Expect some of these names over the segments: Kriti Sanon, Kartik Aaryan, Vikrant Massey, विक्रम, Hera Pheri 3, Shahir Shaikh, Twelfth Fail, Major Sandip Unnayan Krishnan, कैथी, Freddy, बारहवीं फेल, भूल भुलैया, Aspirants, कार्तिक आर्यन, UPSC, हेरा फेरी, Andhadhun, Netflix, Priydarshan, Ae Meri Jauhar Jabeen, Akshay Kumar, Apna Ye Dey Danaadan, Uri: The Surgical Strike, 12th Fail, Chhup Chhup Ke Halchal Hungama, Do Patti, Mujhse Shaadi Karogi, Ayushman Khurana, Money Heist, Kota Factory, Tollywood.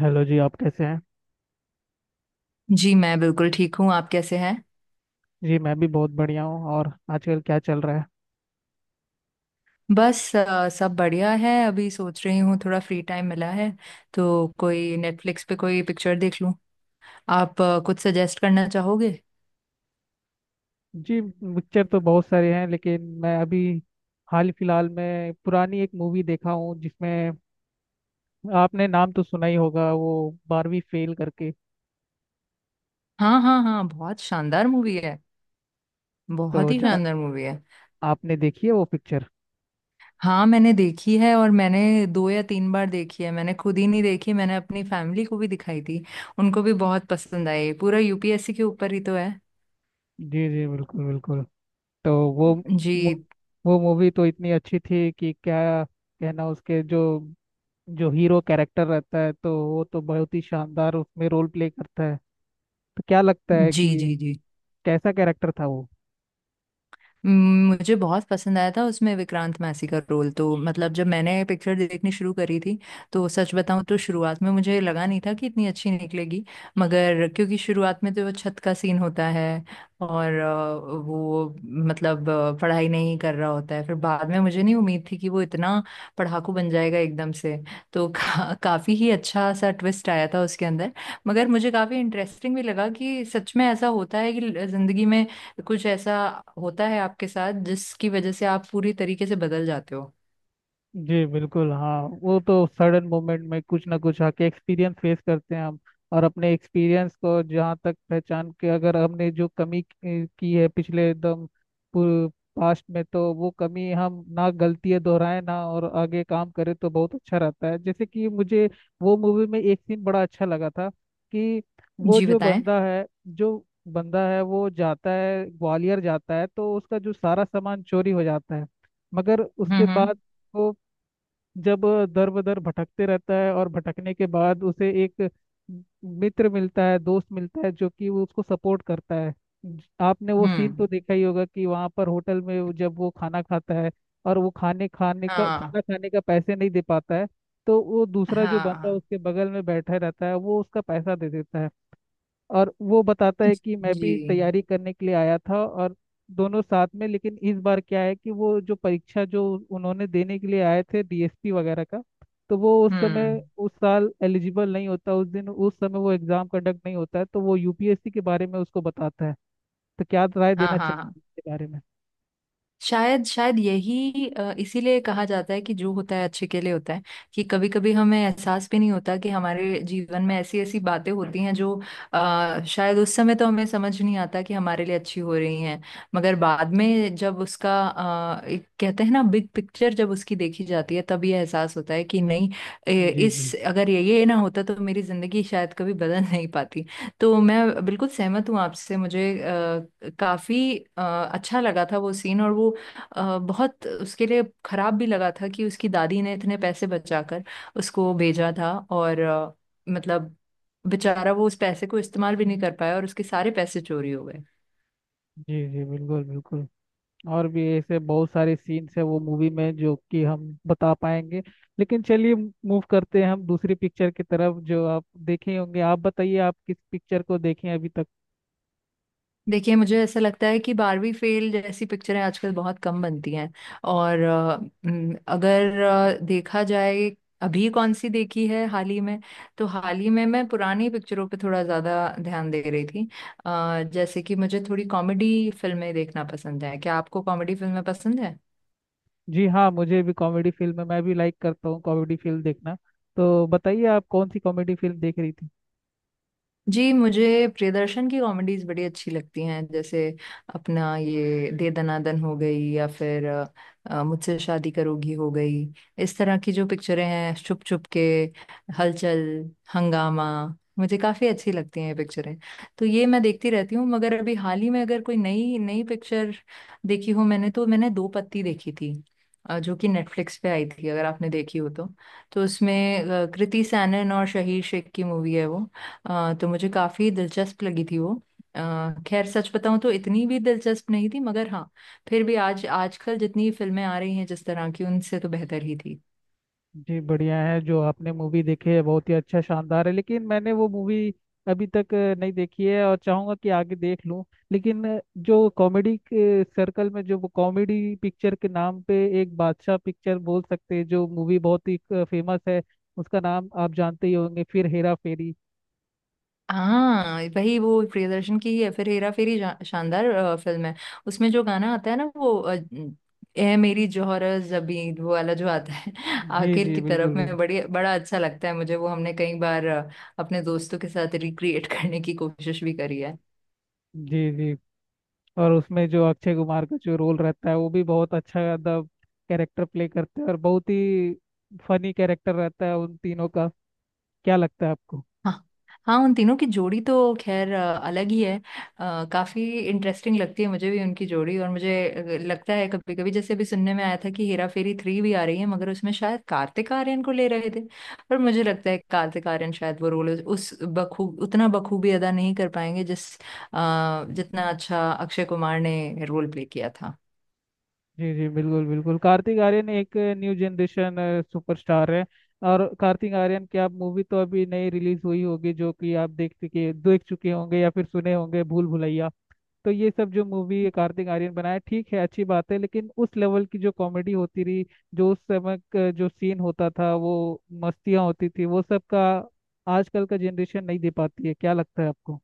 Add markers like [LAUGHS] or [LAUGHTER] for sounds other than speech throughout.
Hello जी, आप कैसे हैं। जी मैं बिल्कुल ठीक हूँ। आप कैसे हैं? जी मैं भी बहुत बढ़िया हूँ। और आजकल क्या चल रहा है। बस सब बढ़िया है। अभी सोच रही हूँ थोड़ा फ्री टाइम मिला है, तो कोई नेटफ्लिक्स पे कोई पिक्चर देख लूँ। आप कुछ सजेस्ट करना चाहोगे? जी, पिक्चर तो बहुत सारे हैं, लेकिन मैं अभी हाल फिलहाल में पुरानी एक मूवी देखा हूँ, जिसमें आपने नाम तो सुना ही होगा वो बारहवीं फेल करके। हाँ हाँ हाँ, बहुत शानदार मूवी है। बहुत तो ही जा शानदार मूवी है। आपने देखी है वो पिक्चर। हाँ, मैंने देखी है, और मैंने दो या तीन बार देखी है। मैंने खुद ही नहीं देखी, मैंने अपनी फैमिली को भी दिखाई थी। उनको भी बहुत पसंद आई। पूरा यूपीएससी के ऊपर ही तो है। जी जी बिल्कुल बिल्कुल। तो वो मु- जी वो मूवी तो इतनी अच्छी थी कि क्या कहना। उसके जो जो हीरो कैरेक्टर रहता है, तो वो तो बहुत ही शानदार उसमें रोल प्ले करता है। तो क्या लगता है जी कि जी जी। कैसा कैरेक्टर था वो। मुझे बहुत पसंद आया था उसमें विक्रांत मैसी का रोल। तो मतलब जब मैंने पिक्चर देखनी शुरू करी थी, तो सच बताऊं तो शुरुआत में मुझे लगा नहीं था कि इतनी अच्छी निकलेगी। मगर क्योंकि शुरुआत में तो वो छत का सीन होता है, और वो पढ़ाई नहीं कर रहा होता है। फिर बाद में मुझे नहीं उम्मीद थी कि वो इतना पढ़ाकू बन जाएगा एकदम से। तो [LAUGHS] काफी ही अच्छा सा ट्विस्ट आया था उसके अंदर। मगर मुझे काफी इंटरेस्टिंग भी लगा कि सच में ऐसा होता है कि जिंदगी में कुछ ऐसा होता है आपके साथ जिसकी वजह से आप पूरी तरीके से बदल जाते हो। जी बिल्कुल, हाँ, वो तो सडन मोमेंट में कुछ ना कुछ आके एक्सपीरियंस फेस करते हैं हम। और अपने एक्सपीरियंस को जहाँ तक पहचान के, अगर हमने जो कमी की है पिछले एकदम पास्ट में, तो वो कमी हम ना गलतियाँ दोहराए ना, और आगे काम करें तो बहुत अच्छा रहता है। जैसे कि मुझे वो मूवी में एक सीन बड़ा अच्छा लगा था कि वो जी जो बताएं। बंदा है, वो जाता है, ग्वालियर जाता है, तो उसका जो सारा सामान चोरी हो जाता है। मगर उसके बाद हम्म। वो जब दर बदर भटकते रहता है, और भटकने के बाद उसे एक मित्र मिलता है, दोस्त मिलता है, जो कि वो उसको सपोर्ट करता है। आपने वो सीन तो हम्म। देखा ही होगा कि वहाँ पर होटल में जब वो खाना खाता है, और वो खाने खाने का हाँ खाना खाने का पैसे नहीं दे पाता है। तो वो दूसरा जो बंदा हाँ। उसके बगल में बैठा रहता है, वो उसका पैसा दे देता है। और वो बताता है कि मैं भी जी। तैयारी करने के लिए आया था, और दोनों साथ में। लेकिन इस बार क्या है कि वो जो परीक्षा जो उन्होंने देने के लिए आए थे, डीएसपी वगैरह का, तो वो उस समय हम्म। उस साल एलिजिबल नहीं होता। उस दिन उस समय वो एग्जाम कंडक्ट नहीं होता है, तो वो यूपीएससी के बारे में उसको बताता है। तो क्या राय हाँ देना हाँ। चाहिए इसके बारे में। शायद शायद यही इसीलिए कहा जाता है कि जो होता है अच्छे के लिए होता है। कि कभी कभी हमें एहसास भी नहीं होता कि हमारे जीवन में ऐसी ऐसी बातें होती हैं जो शायद उस समय तो हमें समझ नहीं आता कि हमारे लिए अच्छी हो रही हैं। मगर बाद में जब उसका एक कहते हैं ना बिग पिक्चर, जब उसकी देखी जाती है, तब ये एहसास होता है कि नहीं, ए, जी जी इस अगर ये ना होता तो मेरी जिंदगी शायद कभी बदल नहीं पाती। तो मैं बिल्कुल सहमत हूँ आपसे। मुझे काफी अच्छा लगा था वो सीन। और वो बहुत उसके लिए खराब भी लगा था कि उसकी दादी ने इतने पैसे बचाकर उसको भेजा था। और मतलब बेचारा वो उस पैसे को इस्तेमाल भी नहीं कर पाया और उसके सारे पैसे चोरी हो गए। जी, जी बिल्कुल बिल्कुल। और भी ऐसे बहुत सारे सीन्स है वो मूवी में, जो कि हम बता पाएंगे। लेकिन चलिए, मूव करते हैं हम दूसरी पिक्चर की तरफ। जो आप देखे होंगे आप बताइए, आप किस पिक्चर को देखे हैं अभी तक। देखिए मुझे ऐसा लगता है कि बारहवीं फेल जैसी पिक्चरें आजकल बहुत कम बनती हैं। और अगर देखा जाए, अभी कौन सी देखी है हाल ही में, तो हाल ही में मैं पुरानी पिक्चरों पे थोड़ा ज़्यादा ध्यान दे रही थी। जैसे कि मुझे थोड़ी कॉमेडी फिल्में देखना पसंद है। क्या आपको कॉमेडी फिल्में पसंद है? जी हाँ, मुझे भी कॉमेडी फिल्म है, मैं भी लाइक करता हूँ कॉमेडी फिल्म देखना। तो बताइए आप कौन सी कॉमेडी फिल्म देख रही थी। जी मुझे प्रियदर्शन की कॉमेडीज बड़ी अच्छी लगती हैं, जैसे अपना ये दे दनादन हो गई, या फिर मुझसे शादी करोगी हो गई। इस तरह की जो पिक्चरें हैं, छुप छुप के, हलचल, हंगामा, मुझे काफी अच्छी लगती हैं ये पिक्चरें। तो ये मैं देखती रहती हूँ। मगर अभी हाल ही में अगर कोई नई नई पिक्चर देखी हो मैंने, तो मैंने दो पत्ती देखी थी, जो कि नेटफ्लिक्स पे आई थी, अगर आपने देखी हो तो। तो उसमें कृति सैनन और शहीर शेख की मूवी है वो। तो मुझे काफी दिलचस्प लगी थी वो। अ, खैर सच बताऊं तो इतनी भी दिलचस्प नहीं थी, मगर हाँ, फिर भी आज आजकल जितनी फिल्में आ रही हैं जिस तरह की, उनसे तो बेहतर ही थी। जी बढ़िया है, जो आपने मूवी देखी है बहुत ही अच्छा शानदार है। लेकिन मैंने वो मूवी अभी तक नहीं देखी है, और चाहूंगा कि आगे देख लूं। लेकिन जो कॉमेडी के सर्कल में, जो कॉमेडी पिक्चर के नाम पे एक बादशाह पिक्चर बोल सकते हैं, जो मूवी बहुत ही फेमस है, उसका नाम आप जानते ही होंगे, फिर हेरा फेरी। हाँ वही, वो प्रियदर्शन की ही है फिर हेरा फेरी। शानदार फिल्म है। उसमें जो गाना आता है ना, वो ए मेरी जौहर जबीं वो वाला जो आता है [LAUGHS] जी आखिर जी की बिल्कुल तरफ बिल्कुल। में, बड़ी बड़ा अच्छा लगता है मुझे वो। हमने कई बार अपने दोस्तों के साथ रिक्रिएट करने की कोशिश भी करी है। जी जी। और उसमें जो अक्षय कुमार का जो रोल रहता है वो भी बहुत अच्छा द कैरेक्टर प्ले करते हैं, और बहुत ही फनी कैरेक्टर रहता है उन तीनों का। क्या लगता है आपको। हाँ। हाँ, उन तीनों की जोड़ी तो खैर अलग ही है। काफी इंटरेस्टिंग लगती है मुझे भी उनकी जोड़ी। और मुझे लगता है कभी कभी, जैसे अभी सुनने में आया था कि हेरा फेरी थ्री भी आ रही है, मगर उसमें शायद कार्तिक आर्यन को ले रहे थे। पर मुझे लगता है कार्तिक आर्यन शायद वो रोल उस बखूब उतना बखूबी अदा नहीं कर पाएंगे जिस जितना अच्छा अक्षय कुमार ने रोल प्ले किया था। जी जी बिल्कुल बिल्कुल। कार्तिक आर्यन एक न्यू जनरेशन सुपरस्टार है। और कार्तिक आर्यन की आप मूवी तो अभी नई रिलीज हुई होगी, जो कि आप देख चुके होंगे, या फिर सुने होंगे, भूल भुलैया। तो ये सब जो मूवी कार्तिक आर्यन बनाया ठीक है, अच्छी बात है, लेकिन उस लेवल की जो कॉमेडी होती रही, जो उस समय का जो सीन होता था, वो मस्तियाँ होती थी, वो सब का आजकल का जनरेशन नहीं दे पाती है। क्या लगता है आपको।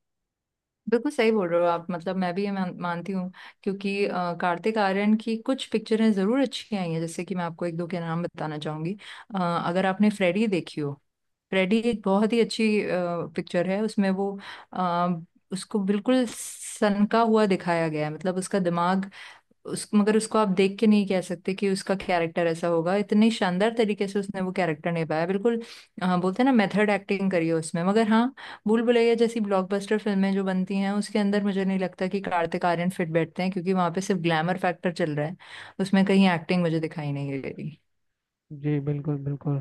बिल्कुल सही बोल रहे हो आप। मतलब मैं भी ये मानती हूँ। क्योंकि कार्तिक आर्यन की कुछ पिक्चरें जरूर अच्छी आई हैं, जैसे कि मैं आपको एक दो के नाम बताना चाहूंगी। अगर आपने फ्रेडी देखी हो, फ्रेडी एक बहुत ही अच्छी पिक्चर है। उसमें वो अ, उसको बिल्कुल सनका हुआ दिखाया गया है। मतलब उसका दिमाग, उस मगर उसको आप देख के नहीं कह सकते कि उसका कैरेक्टर ऐसा होगा। इतने शानदार तरीके से उसने वो कैरेक्टर निभाया। बिल्कुल, हाँ, बोलते हैं ना मेथड एक्टिंग करी है उसमें। मगर हाँ, भूल भुलैया जैसी ब्लॉकबस्टर फिल्में जो बनती हैं उसके अंदर मुझे नहीं लगता कि कार्तिक आर्यन फिट बैठते हैं, क्योंकि वहां पे सिर्फ ग्लैमर फैक्टर चल रहा है। उसमें कहीं एक्टिंग मुझे दिखाई नहीं दे रही। जी बिल्कुल बिल्कुल।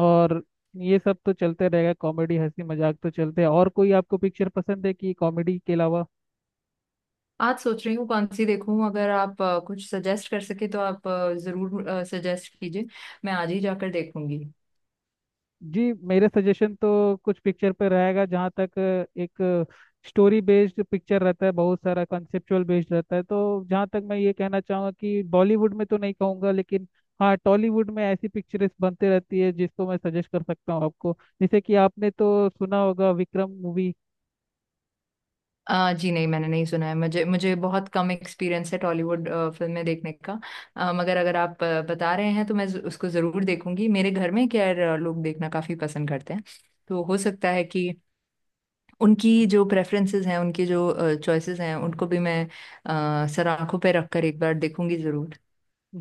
और ये सब तो चलते रहेगा, कॉमेडी हंसी मजाक तो चलते हैं। और कोई आपको पिक्चर पसंद है कि कॉमेडी के अलावा। आज सोच रही हूँ कौन सी देखूं, अगर आप कुछ सजेस्ट कर सके तो आप जरूर सजेस्ट कीजिए। मैं आज ही जाकर देखूंगी। जी मेरे सजेशन तो कुछ पिक्चर पे रहेगा। जहाँ तक एक स्टोरी बेस्ड पिक्चर रहता है, बहुत सारा कॉन्सेप्चुअल बेस्ड रहता है, तो जहाँ तक मैं ये कहना चाहूँगा कि बॉलीवुड में तो नहीं कहूँगा, लेकिन हाँ, टॉलीवुड में ऐसी पिक्चर्स बनते रहती है, जिसको मैं सजेस्ट कर सकता हूँ आपको। जैसे कि आपने तो सुना होगा विक्रम मूवी। जी नहीं, मैंने नहीं सुना है। मुझे मुझे बहुत कम एक्सपीरियंस है टॉलीवुड फिल्में देखने का। मगर अगर आप बता रहे हैं तो मैं उसको ज़रूर देखूंगी। मेरे घर में क्या है, लोग देखना काफ़ी पसंद करते हैं। तो हो सकता है कि उनकी जो प्रेफरेंसेस हैं, उनकी जो चॉइसेस हैं, उनको भी मैं सर आंखों पे रख कर एक बार देखूंगी ज़रूर।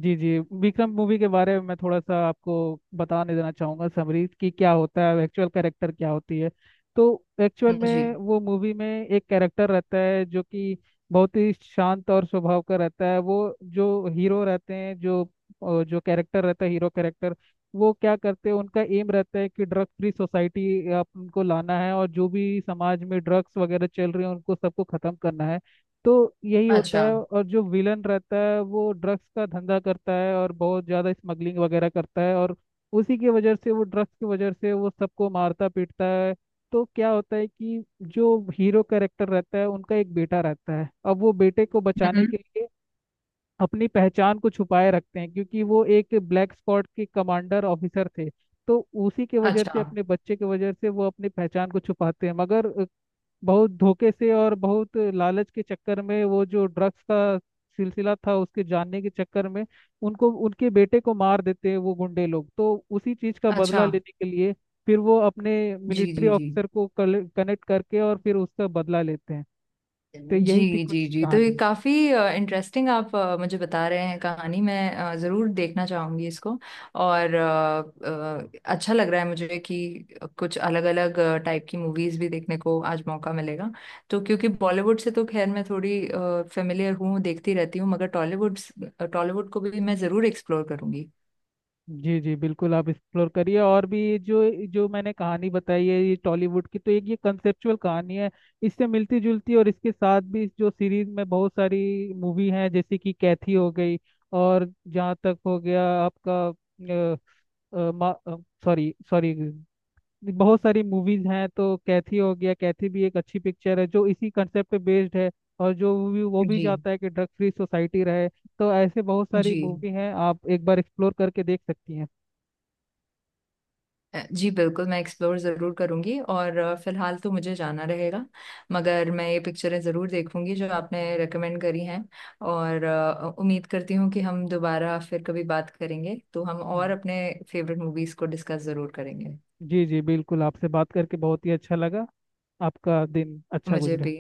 जी जी, विक्रम मूवी के बारे में मैं थोड़ा सा आपको बताने देना चाहूँगा समरी, कि क्या होता है एक्चुअल कैरेक्टर क्या होती है। तो एक्चुअल जी। में वो मूवी में एक कैरेक्टर रहता है, जो कि बहुत ही शांत और स्वभाव का रहता है। वो जो हीरो रहते हैं, जो जो कैरेक्टर रहता है हीरो कैरेक्टर, वो क्या करते हैं, उनका एम रहता है कि ड्रग फ्री सोसाइटी आप उनको लाना है, और जो भी समाज में ड्रग्स वगैरह चल रहे हैं उनको सबको खत्म करना है। तो यही होता अच्छा। है। और जो विलन रहता है वो ड्रग्स का धंधा करता है, और बहुत ज़्यादा स्मगलिंग वगैरह करता है, और उसी की वजह से, वो ड्रग्स की वजह से वो सबको मारता पीटता है। तो क्या होता है कि जो हीरो कैरेक्टर रहता है उनका एक बेटा रहता है। अब वो बेटे को बचाने हम्म। के लिए अपनी पहचान को छुपाए रखते हैं, क्योंकि वो एक ब्लैक स्क्वाड के कमांडर ऑफिसर थे। तो उसी के वजह से, अच्छा। अपने बच्चे के वजह से वो अपनी पहचान को छुपाते हैं। मगर बहुत धोखे से और बहुत लालच के चक्कर में, वो जो ड्रग्स का सिलसिला था उसके जानने के चक्कर में, उनको उनके बेटे को मार देते हैं वो गुंडे लोग। तो उसी चीज का अच्छा। बदला लेने के लिए फिर वो अपने जी मिलिट्री जी जी। ऑफिसर को कनेक्ट करके और फिर उसका बदला लेते हैं। तो जी यही थी कुछ जी जी। तो ये कहानी। काफी इंटरेस्टिंग आप मुझे बता रहे हैं कहानी। मैं जरूर देखना चाहूंगी इसको। और अच्छा लग रहा है मुझे कि कुछ अलग अलग टाइप की मूवीज भी देखने को आज मौका मिलेगा। तो क्योंकि बॉलीवुड से तो खैर मैं थोड़ी फेमिलियर हूँ, देखती रहती हूँ, मगर टॉलीवुड टॉलीवुड को भी मैं जरूर एक्सप्लोर करूंगी। जी जी बिल्कुल, आप एक्सप्लोर करिए। और भी, ये जो जो मैंने कहानी बताई है, ये टॉलीवुड की तो एक ये कंसेप्चुअल कहानी है। इससे मिलती जुलती और इसके साथ भी, इस जो सीरीज में बहुत सारी मूवी हैं, जैसे कि कैथी हो गई, और जहाँ तक हो गया आपका, सॉरी सॉरी, बहुत सारी मूवीज हैं। तो कैथी हो गया, कैथी भी एक अच्छी पिक्चर है, जो इसी कंसेप्ट पे बेस्ड है। और जो वो भी जी। चाहता है कि ड्रग फ्री सोसाइटी रहे। तो ऐसे बहुत सारी जी मूवी हैं, आप एक बार एक्सप्लोर करके देख सकती हैं। जी बिल्कुल, मैं एक्सप्लोर ज़रूर करूंगी। और फिलहाल तो मुझे जाना रहेगा, मगर मैं ये पिक्चरें ज़रूर देखूंगी जो आपने रेकमेंड करी हैं। और उम्मीद करती हूँ कि हम दोबारा फिर कभी बात करेंगे तो हम और अपने फेवरेट मूवीज़ को डिस्कस ज़रूर करेंगे। जी जी बिल्कुल, आपसे बात करके बहुत ही अच्छा लगा। आपका दिन अच्छा मुझे गुजरे। भी।